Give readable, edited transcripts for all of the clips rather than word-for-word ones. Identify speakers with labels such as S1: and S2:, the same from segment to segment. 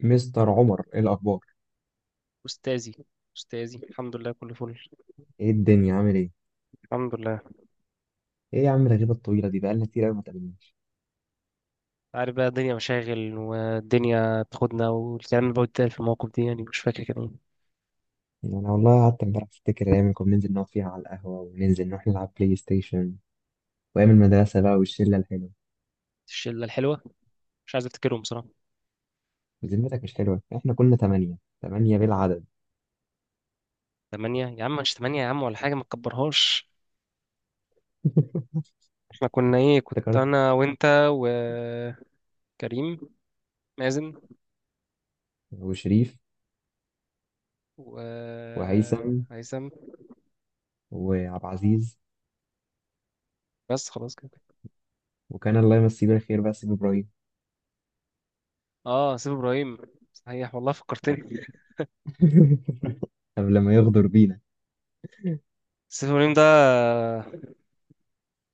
S1: مستر عمر، ايه الاخبار؟
S2: أستاذي أستاذي، الحمد لله كله فل.
S1: ايه الدنيا عامل ايه؟
S2: الحمد لله.
S1: ايه يا عم الغيبه الطويله دي، بقالنا كتير قوي ما اتقابلناش.
S2: عارف بقى، الدنيا مشاغل والدنيا تاخدنا، والكلام اللي بقعد في المواقف دي يعني مش فاكر كان إيه.
S1: يعني انا والله قعدت امبارح افتكر الايام اللي كنا بننزل نقعد فيها على القهوه، وننزل نروح نلعب بلاي ستيشن، وايام المدرسه بقى والشله الحلوه.
S2: الشلة الحلوة، مش عايز أفتكرهم بصراحة.
S1: وذمتك؟ مش حلوه، احنا كنا ثمانيه، ثمانيه بالعدد.
S2: تمانية يا عم؟ مش تمانية يا عم ولا حاجة، ما تكبرهاش. احنا كنا إيه؟ كنت
S1: افتكرت
S2: أنا وأنت وكريم، مازن
S1: وشريف وهيثم
S2: وهيثم،
S1: وعبد العزيز،
S2: بس خلاص كده.
S1: وكان الله يمسيه بالخير بقى سيف ابراهيم.
S2: اه، سيف إبراهيم، صحيح والله فكرتني.
S1: قبل ما يغدر بينا.
S2: سيف إبراهيم ده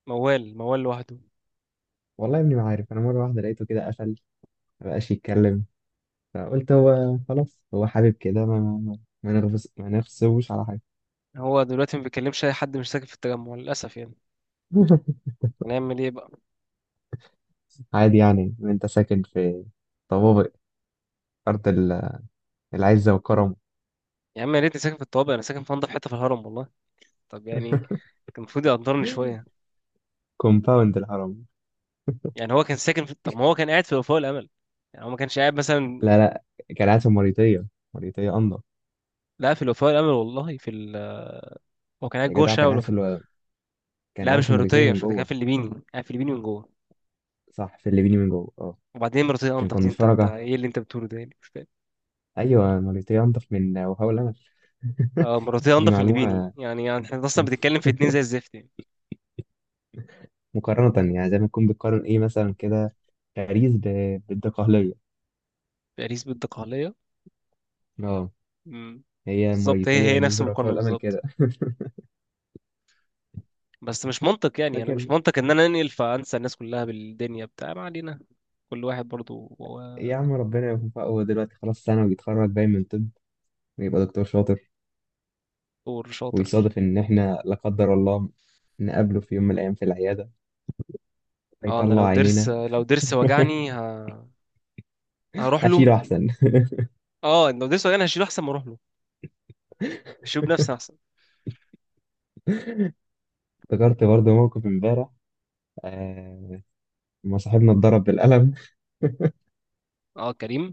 S2: موال موال لوحده.
S1: والله يا ابني ما عارف، انا مره واحده لقيته كده قفل، ما بقاش يتكلم. فقلت هو خلاص هو حابب كده، ما نغفز، ما نغصبوش على حاجة.
S2: هو دلوقتي ما بيكلمش اي حد، مش ساكن في التجمع للاسف يعني، هنعمل ايه بقى.
S1: عادي يعني، انت ساكن في طوابق أرض ال- العزة والكرم،
S2: يا عم يا ريتني ساكن في الطوابق، انا ساكن في انضف حته في الهرم والله. طب يعني كان المفروض يقدرني شويه.
S1: كومباوند الهرم.
S2: يعني هو كان ساكن في... طب ما هو كان قاعد في الوفاء والامل، يعني هو ما كانش قاعد مثلا.
S1: لا لا، كان قاعد في موريتانيا، موريتانيا أنضف.
S2: لا، في الوفاء والامل والله، في ال... هو كان قاعد
S1: يا
S2: جوه
S1: جدع
S2: الشارع والوفاء.
S1: كان
S2: لا،
S1: قاعد
S2: مش
S1: في موريتانيا
S2: مرتيه
S1: من
S2: مش مرتيه، كان
S1: جوه.
S2: في الليبيني، قاعد في الليبيني من جوه.
S1: صح، في الليبيني من جوه، اه.
S2: وبعدين مرتيه
S1: عشان
S2: انضف
S1: كنا
S2: دي؟ انت
S1: متفرجة،
S2: ايه اللي انت بتقوله ده؟ يعني مش فاهم.
S1: أيوة موريتانيا أنضف من وهاو الأمل.
S2: اه مرتيه
S1: دي
S2: انضف من الليبيني،
S1: معلومة،
S2: يعني احنا اصلا بنتكلم في اتنين زي الزفت يعني.
S1: مقارنة يعني زي ما تكون بتقارن إيه مثلا، كده باريس بالدقهلية.
S2: باريس بالدقهليه.
S1: اه،
S2: امم.
S1: هي
S2: بالظبط، هي
S1: مؤيسية
S2: هي نفس
S1: بالنسبة لوفاء
S2: المقارنه
S1: والأمل
S2: بالظبط.
S1: كده.
S2: بس مش منطق يعني، انا مش
S1: فاكر؟
S2: منطق ان انا انقل فانسى الناس كلها بالدنيا، بتاع ما علينا. كل واحد برضو هو.
S1: يا عم ربنا يوفقه، هو دلوقتي خلاص سنة ويتخرج باين من طب، ويبقى دكتور شاطر،
S2: دور شاطر.
S1: ويصادف إن إحنا لا قدر الله نقابله في يوم من الأيام في العيادة
S2: اه انا لو
S1: فيطلع
S2: ضرس،
S1: عينينا.
S2: لو ضرس وجعني ه... هروح له.
S1: أشيله أحسن.
S2: اه لو ضرس وجعني هشيله احسن ما اروح له، هشيله بنفسي احسن.
S1: افتكرت برضه موقف إمبارح، آه، لما صاحبنا اتضرب بالقلم.
S2: اه كريم.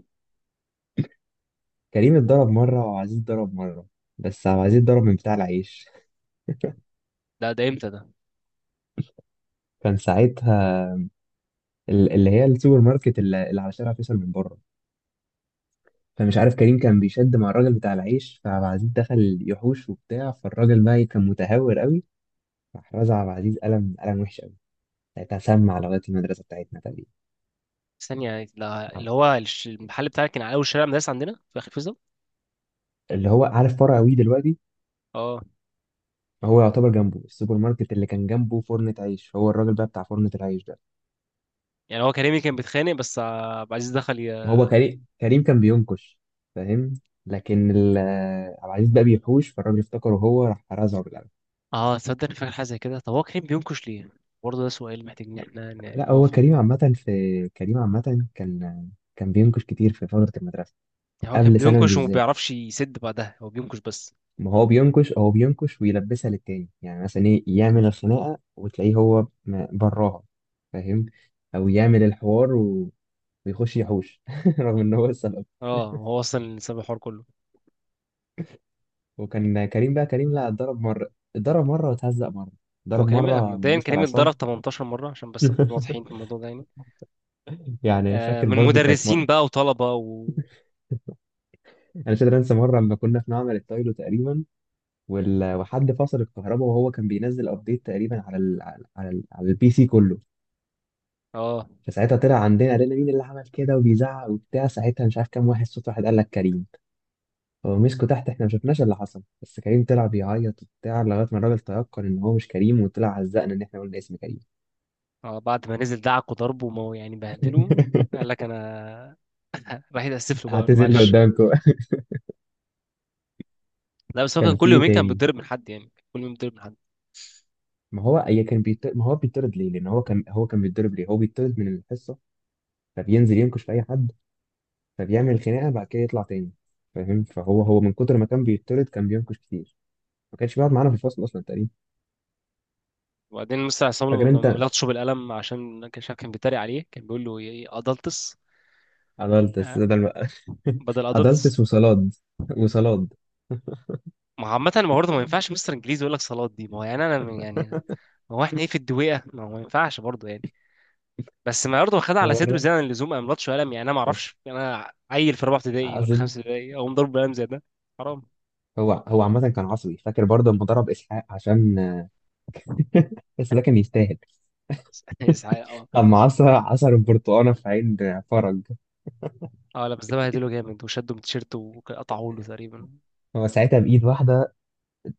S1: كريم اتضرب مرة وعزيز اتضرب مرة، بس عبد العزيز اتضرب من بتاع العيش.
S2: ده امتى ده؟
S1: كان ساعتها اللي هي السوبر ماركت اللي على شارع فيصل من بره. فمش عارف، كريم كان بيشد مع الراجل بتاع العيش، فعبد العزيز دخل يحوش وبتاع، فالراجل بقى إيه، كان متهور قوي. راح رزع عبد العزيز قلم، قلم وحش قوي، ساعتها سمع لغايه المدرسه بتاعتنا تقريبا.
S2: ثانية، ده اللي هو المحل بتاعك كان على اول شارع مدرسة عندنا في اخر فيصل.
S1: اللي هو عارف فرع وي دلوقتي،
S2: اه.
S1: هو يعتبر جنبه السوبر ماركت، اللي كان جنبه فرنة عيش. هو الراجل بقى بتاع فرنة العيش ده.
S2: يعني هو كريمي كان بيتخانق بس آه، عبد العزيز دخل ي...
S1: هو كريم كان بينكش، فاهم؟ لكن ال- عبد العزيز بقى بيحوش، فالراجل افتكره هو، راح رزعه بالقلم.
S2: اه تصدق أنا فاكر حاجة زي كده. طب هو كريم بينكش ليه؟ برضه ده سؤال محتاج ان احنا
S1: لا هو
S2: نقف.
S1: كريم عامه، في كريم عامه كان كان بينكش كتير في فتره المدرسه،
S2: يعني هو كان
S1: قبل ثانوي
S2: بينكش وما
S1: بالذات.
S2: بيعرفش يسد بعدها، هو بينكش بس.
S1: ما هو بينكش، هو بينكش ويلبسها للتاني، يعني مثلا ايه، يعمل الخناقه وتلاقيه براها، فاهم؟ او يعمل الحوار و... ويخش يحوش رغم ان هو السبب.
S2: اه هو اصلا اللي سبب الحوار كله.
S1: وكان كريم بقى، كريم لا اتضرب مره، اتضرب مره واتهزق مره،
S2: هو
S1: ضرب
S2: كريم
S1: مره من
S2: مبدئيا،
S1: مستر
S2: كريم
S1: عصام.
S2: اتضرب 18 مره عشان بس نكون واضحين في الموضوع ده يعني.
S1: يعني
S2: آه
S1: فاكر
S2: من
S1: برضو كانت م...
S2: مدرسين بقى وطلبه و...
S1: انا مش قادر انسى مره لما كنا في معمل التايلو تقريبا، وال... وحد فصل الكهرباء، وهو كان بينزل ابديت تقريبا على ال... على ال... على البي سي كله.
S2: اه
S1: فساعتها طلع عندنا قال لنا مين اللي عمل كده، وبيزعق وبتاع، ساعتها مش عارف كام واحد صوت واحد قال لك كريم. فمسكوا تحت، احنا ما شفناش اللي حصل، بس كريم طلع بيعيط وبتاع لغايه ما الراجل تيقن ان هو مش كريم، وطلع عزقنا ان احنا قلنا اسم كريم.
S2: اه، بعد ما نزل دعك وضربه وما يعني بهدله، قال لك انا. راح يتاسف له بقى، قال له
S1: اعتذرنا
S2: معلش.
S1: قدامكم.
S2: لا بس هو كان
S1: كان في
S2: كل
S1: ايه
S2: يومين كان
S1: تاني؟
S2: بيتضرب من حد، يعني كل يوم بيتضرب من حد.
S1: ما هو اي كان بيطرد، ما هو بيطرد ليه؟ لان هو كان بيتضرب، ليه؟ هو بيطرد من الحصه، فبينزل ينكش في اي حد، فبيعمل خناقه بعد كده يطلع تاني، فاهم؟ فهو من كتر ما كان بيطرد كان بينكش كتير، ما كانش بيقعد معانا في الفصل اصلا تقريبا.
S2: وبعدين مستر عصام،
S1: فاكر
S2: لما
S1: انت؟
S2: لطشه بالقلم عشان كان شايف كان بيتريق عليه، كان بيقول له ايه، ادلتس.
S1: ادلتس
S2: آه.
S1: بدل ما...
S2: بدل ادلتس.
S1: ادلتس وصلاد، وصلاد.
S2: ما هو عامة، ما برضه ما ينفعش مستر انجليزي يقول لك صالات دي، ما هو يعني انا يعني، ما هو احنا ايه؟ في الدويقة؟ ما هو ما ينفعش برضه يعني. بس ما برضه خدها على
S1: هو
S2: صدره
S1: الر-
S2: زي اللزوم، قام لطش قلم. يعني انا ما اعرفش، انا عيل في رابعة ابتدائي ولا
S1: عازل.
S2: خمسة ابتدائي اقوم ضرب بقلم زي ده، حرام.
S1: هو عامة كان عصبي، فاكر برضه لما ضرب اسحاق عشان... بس ده كان يستاهل.
S2: اسعاف اه.
S1: اما عصر البرتقانه في عين فرج،
S2: اه لا بس ده بهدله جامد، وشده من تيشيرته وقطعه له تقريبا.
S1: هو ساعتها بايد واحده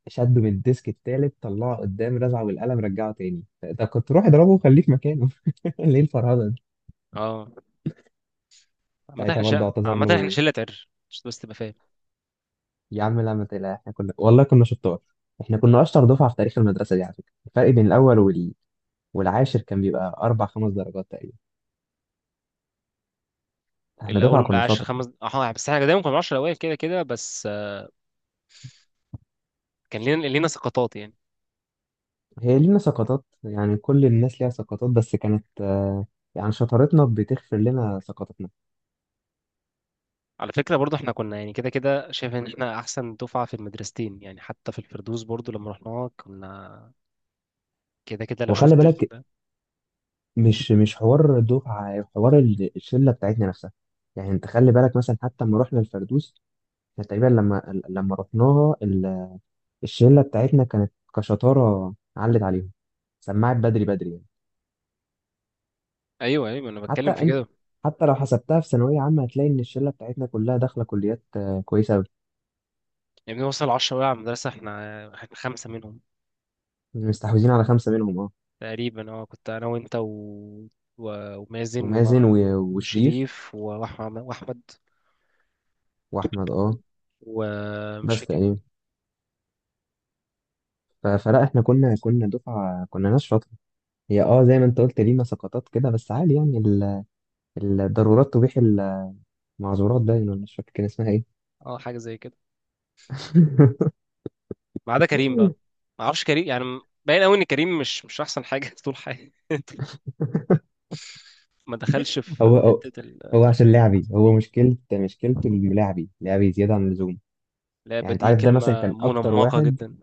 S1: شده من الديسك التالت، طلعه قدام رزعه بالقلم، رجعه تاني، ده كنت روح اضربه وخليه في مكانه. ليه الفرهده دي؟
S2: اه عامة
S1: ساعتها
S2: احنا
S1: برضه
S2: شقة،
S1: اعتذر
S2: عامة احنا
S1: له.
S2: شلة عر عشان بس تبقى فاهم.
S1: يا عم لا ما تقلق، احنا كنا والله كنا شطار، احنا كنا اشطر دفعه في تاريخ المدرسه دي. على فكره الفرق بين الاول والعاشر كان بيبقى أربع خمس درجات تقريبا، احنا
S2: الاول
S1: دفعة كنا
S2: والعاشر
S1: شاطرة.
S2: خمس، اه بس احنا دايما كنا 10 الاوائل كده كده بس آه، كان لينا سقطات يعني.
S1: هي لينا سقطات، يعني كل الناس ليها سقطات، بس كانت آه، يعني شطارتنا بتغفر لنا سقطاتنا.
S2: على فكرة برضو احنا كنا يعني كده كده شايف ان احنا احسن دفعة في المدرستين، يعني حتى في الفردوس برضو لما رحناها كنا كده كده، لو
S1: وخلي
S2: شفت
S1: بالك،
S2: ال...
S1: مش حوار الدفعة، حوار الشلة بتاعتنا نفسها. يعني انت خلي بالك مثلا حتى لما رحنا الفردوس، احنا تقريبا لما رحناها، الشلة بتاعتنا كانت كشطارة علت عليهم، سمعت بدري بدري يعني.
S2: ايوه ايوه انا
S1: حتى
S2: بتكلم في
S1: انت،
S2: كده.
S1: حتى لو حسبتها في ثانوية عامة، هتلاقي إن الشلة بتاعتنا كلها داخلة كليات آه، كويسة أوي،
S2: يعني وصل 10 بقى على المدرسة، احنا خمسة منهم
S1: مستحوذين على خمسة منهم اه.
S2: تقريبا. اه كنت انا وانت و... و... ومازن
S1: ومازن
S2: و...
S1: وشريف
S2: وشريف و... واحمد، واحمد،
S1: وأحمد اه،
S2: ومش
S1: بس
S2: فاكر.
S1: تقريبا. فلا احنا كنا دفعة كنا ناس شاطرة. هي اه زي ما انت قلت لينا سقطات كده، بس عادي يعني الضرورات تبيح المعذورات، باين، ولا مش فاكر كان اسمها ايه.
S2: اه حاجة زي كده. ما عدا كريم بقى، ما اعرفش كريم يعني، باين قوي ان كريم مش احسن حاجة طول حياته، ما دخلش في
S1: هو
S2: في
S1: هو
S2: حتة.
S1: هو عشان لعبي، هو مشكلته إنه لعبي، لعبي زيادة عن اللزوم.
S2: اللعبة
S1: يعني انت
S2: دي
S1: عارف، ده مثلا
S2: كلمة
S1: كان اكتر
S2: منمقة
S1: واحد...
S2: جدا.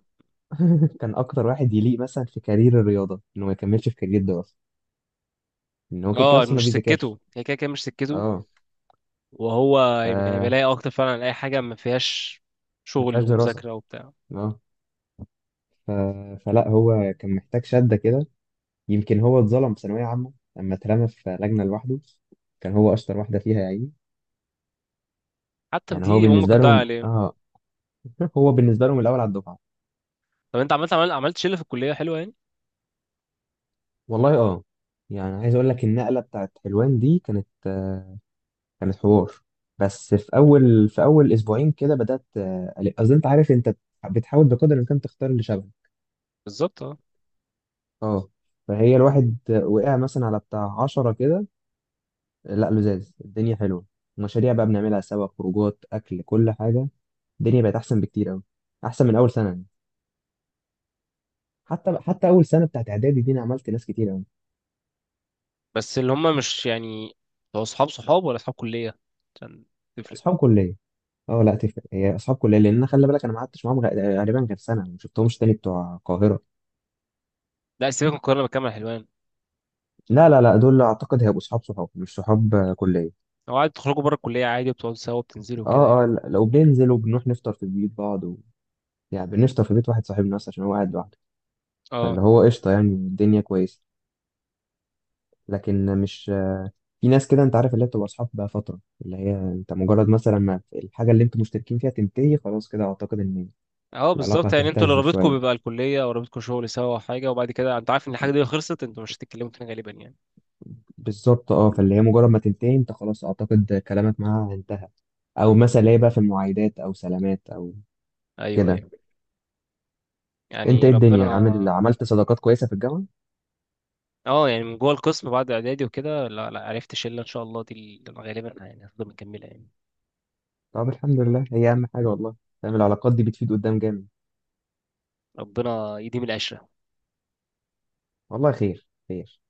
S1: كان اكتر واحد يليق مثلا في كارير الرياضة انه ما يكملش في كارير الدراسة، ان هو كده كده
S2: اه
S1: اصلا ما
S2: مش
S1: بيذاكرش.
S2: سكته، هي كده كده مش سكته.
S1: اه
S2: وهو
S1: ف...
S2: يبقى كان بيلاقي اكتر فعلا على اي حاجة ما فيهاش
S1: ما
S2: شغل
S1: فيهاش دراسة،
S2: ومذاكرة وبتاع.
S1: اه، ف... فلا هو كان محتاج شدة كده. يمكن هو اتظلم في ثانوية عامة لما اترمى في لجنة لوحده، كان هو أشطر واحدة فيها يا عيني.
S2: حتى في
S1: يعني هو
S2: دي امك
S1: بالنسبة
S2: هتضيع
S1: لهم،
S2: عليه.
S1: اه. هو بالنسبة لهم الأول على الدفعة.
S2: طب انت عملت شلة في الكلية حلوة يعني؟
S1: والله اه. يعني عايز أقول لك، النقلة بتاعت حلوان دي كانت آه، كانت حوار. بس في أول، في أول أسبوعين كده بدأت آه، أصل أنت عارف، أنت بتحاول بقدر الإمكان تختار اللي شبهك.
S2: بالظبط اه.
S1: اه. فهي الواحد وقع مثلا على بتاع 10 كده، لا لزاز الدنيا حلوه. مشاريع بقى بنعملها سوا، خروجات، اكل، كل حاجه، الدنيا بقت احسن بكتير قوي، احسن من اول سنه يعني. حتى اول سنه بتاعت اعدادي دي انا عملت ناس كتير قوي،
S2: بس اللي هم مش يعني، هو صحاب صحاب ولا صحاب كلية؟ عشان تفرق.
S1: اصحاب كليه. اه لا تفرق، هي اصحاب كليه، لان انا خلي بالك، انا ما قعدتش معاهم غالبا غير سنه، ما شفتهمش تاني بتوع القاهره.
S2: لا سيبك من القاهرة، بكامل حلوان.
S1: لا لا لا، دول اعتقد هيبقوا صحاب، صحاب مش صحاب آه، كليه.
S2: هو عادي تخرجوا بره الكلية عادي وبتقعدوا سوا وبتنزلوا وكده يعني؟
S1: اه اه، لو بننزل وبنروح نفطر في بيوت بعض و... يعني بنفطر في بيت واحد صاحبنا بس، عشان هو قاعد لوحده. فاللي
S2: اه
S1: هو قشطه يعني، الدنيا كويسه. لكن مش... في ناس كده انت عارف اللي هي بتبقى اصحاب بقى فتره، اللي هي انت مجرد مثلا ما الحاجه اللي انتوا مشتركين فيها تنتهي، خلاص كده اعتقد ان
S2: اه
S1: العلاقه
S2: بالظبط. يعني انتوا اللي
S1: هتهتز
S2: رابطكم
S1: شويه.
S2: بيبقى الكليه او رابطكم شغل سوا او حاجه، وبعد كده انت عارف ان الحاجه دي خلصت انتوا مش هتتكلموا تاني غالبا يعني.
S1: بالظبط اه، فاللي هي مجرد ما تنتهي انت، خلاص اعتقد كلامك معاها انتهى، او مثلا اللي هي بقى في المعايدات او سلامات او
S2: ايوه
S1: كده.
S2: ايوه.
S1: انت
S2: يعني
S1: ايه الدنيا
S2: ربنا.
S1: عامل، عملت صداقات كويسه في الجامعه؟
S2: اه، يعني من جوه القسم بعد اعدادي وكده، لا لا عرفت شله ان شاء الله دي اللي غالبا يعني هتفضل مكمله يعني.
S1: طب الحمد لله، هي اهم حاجه والله. فاهم، العلاقات دي بتفيد قدام جامد.
S2: ربنا يديم العشره.
S1: والله خير خير.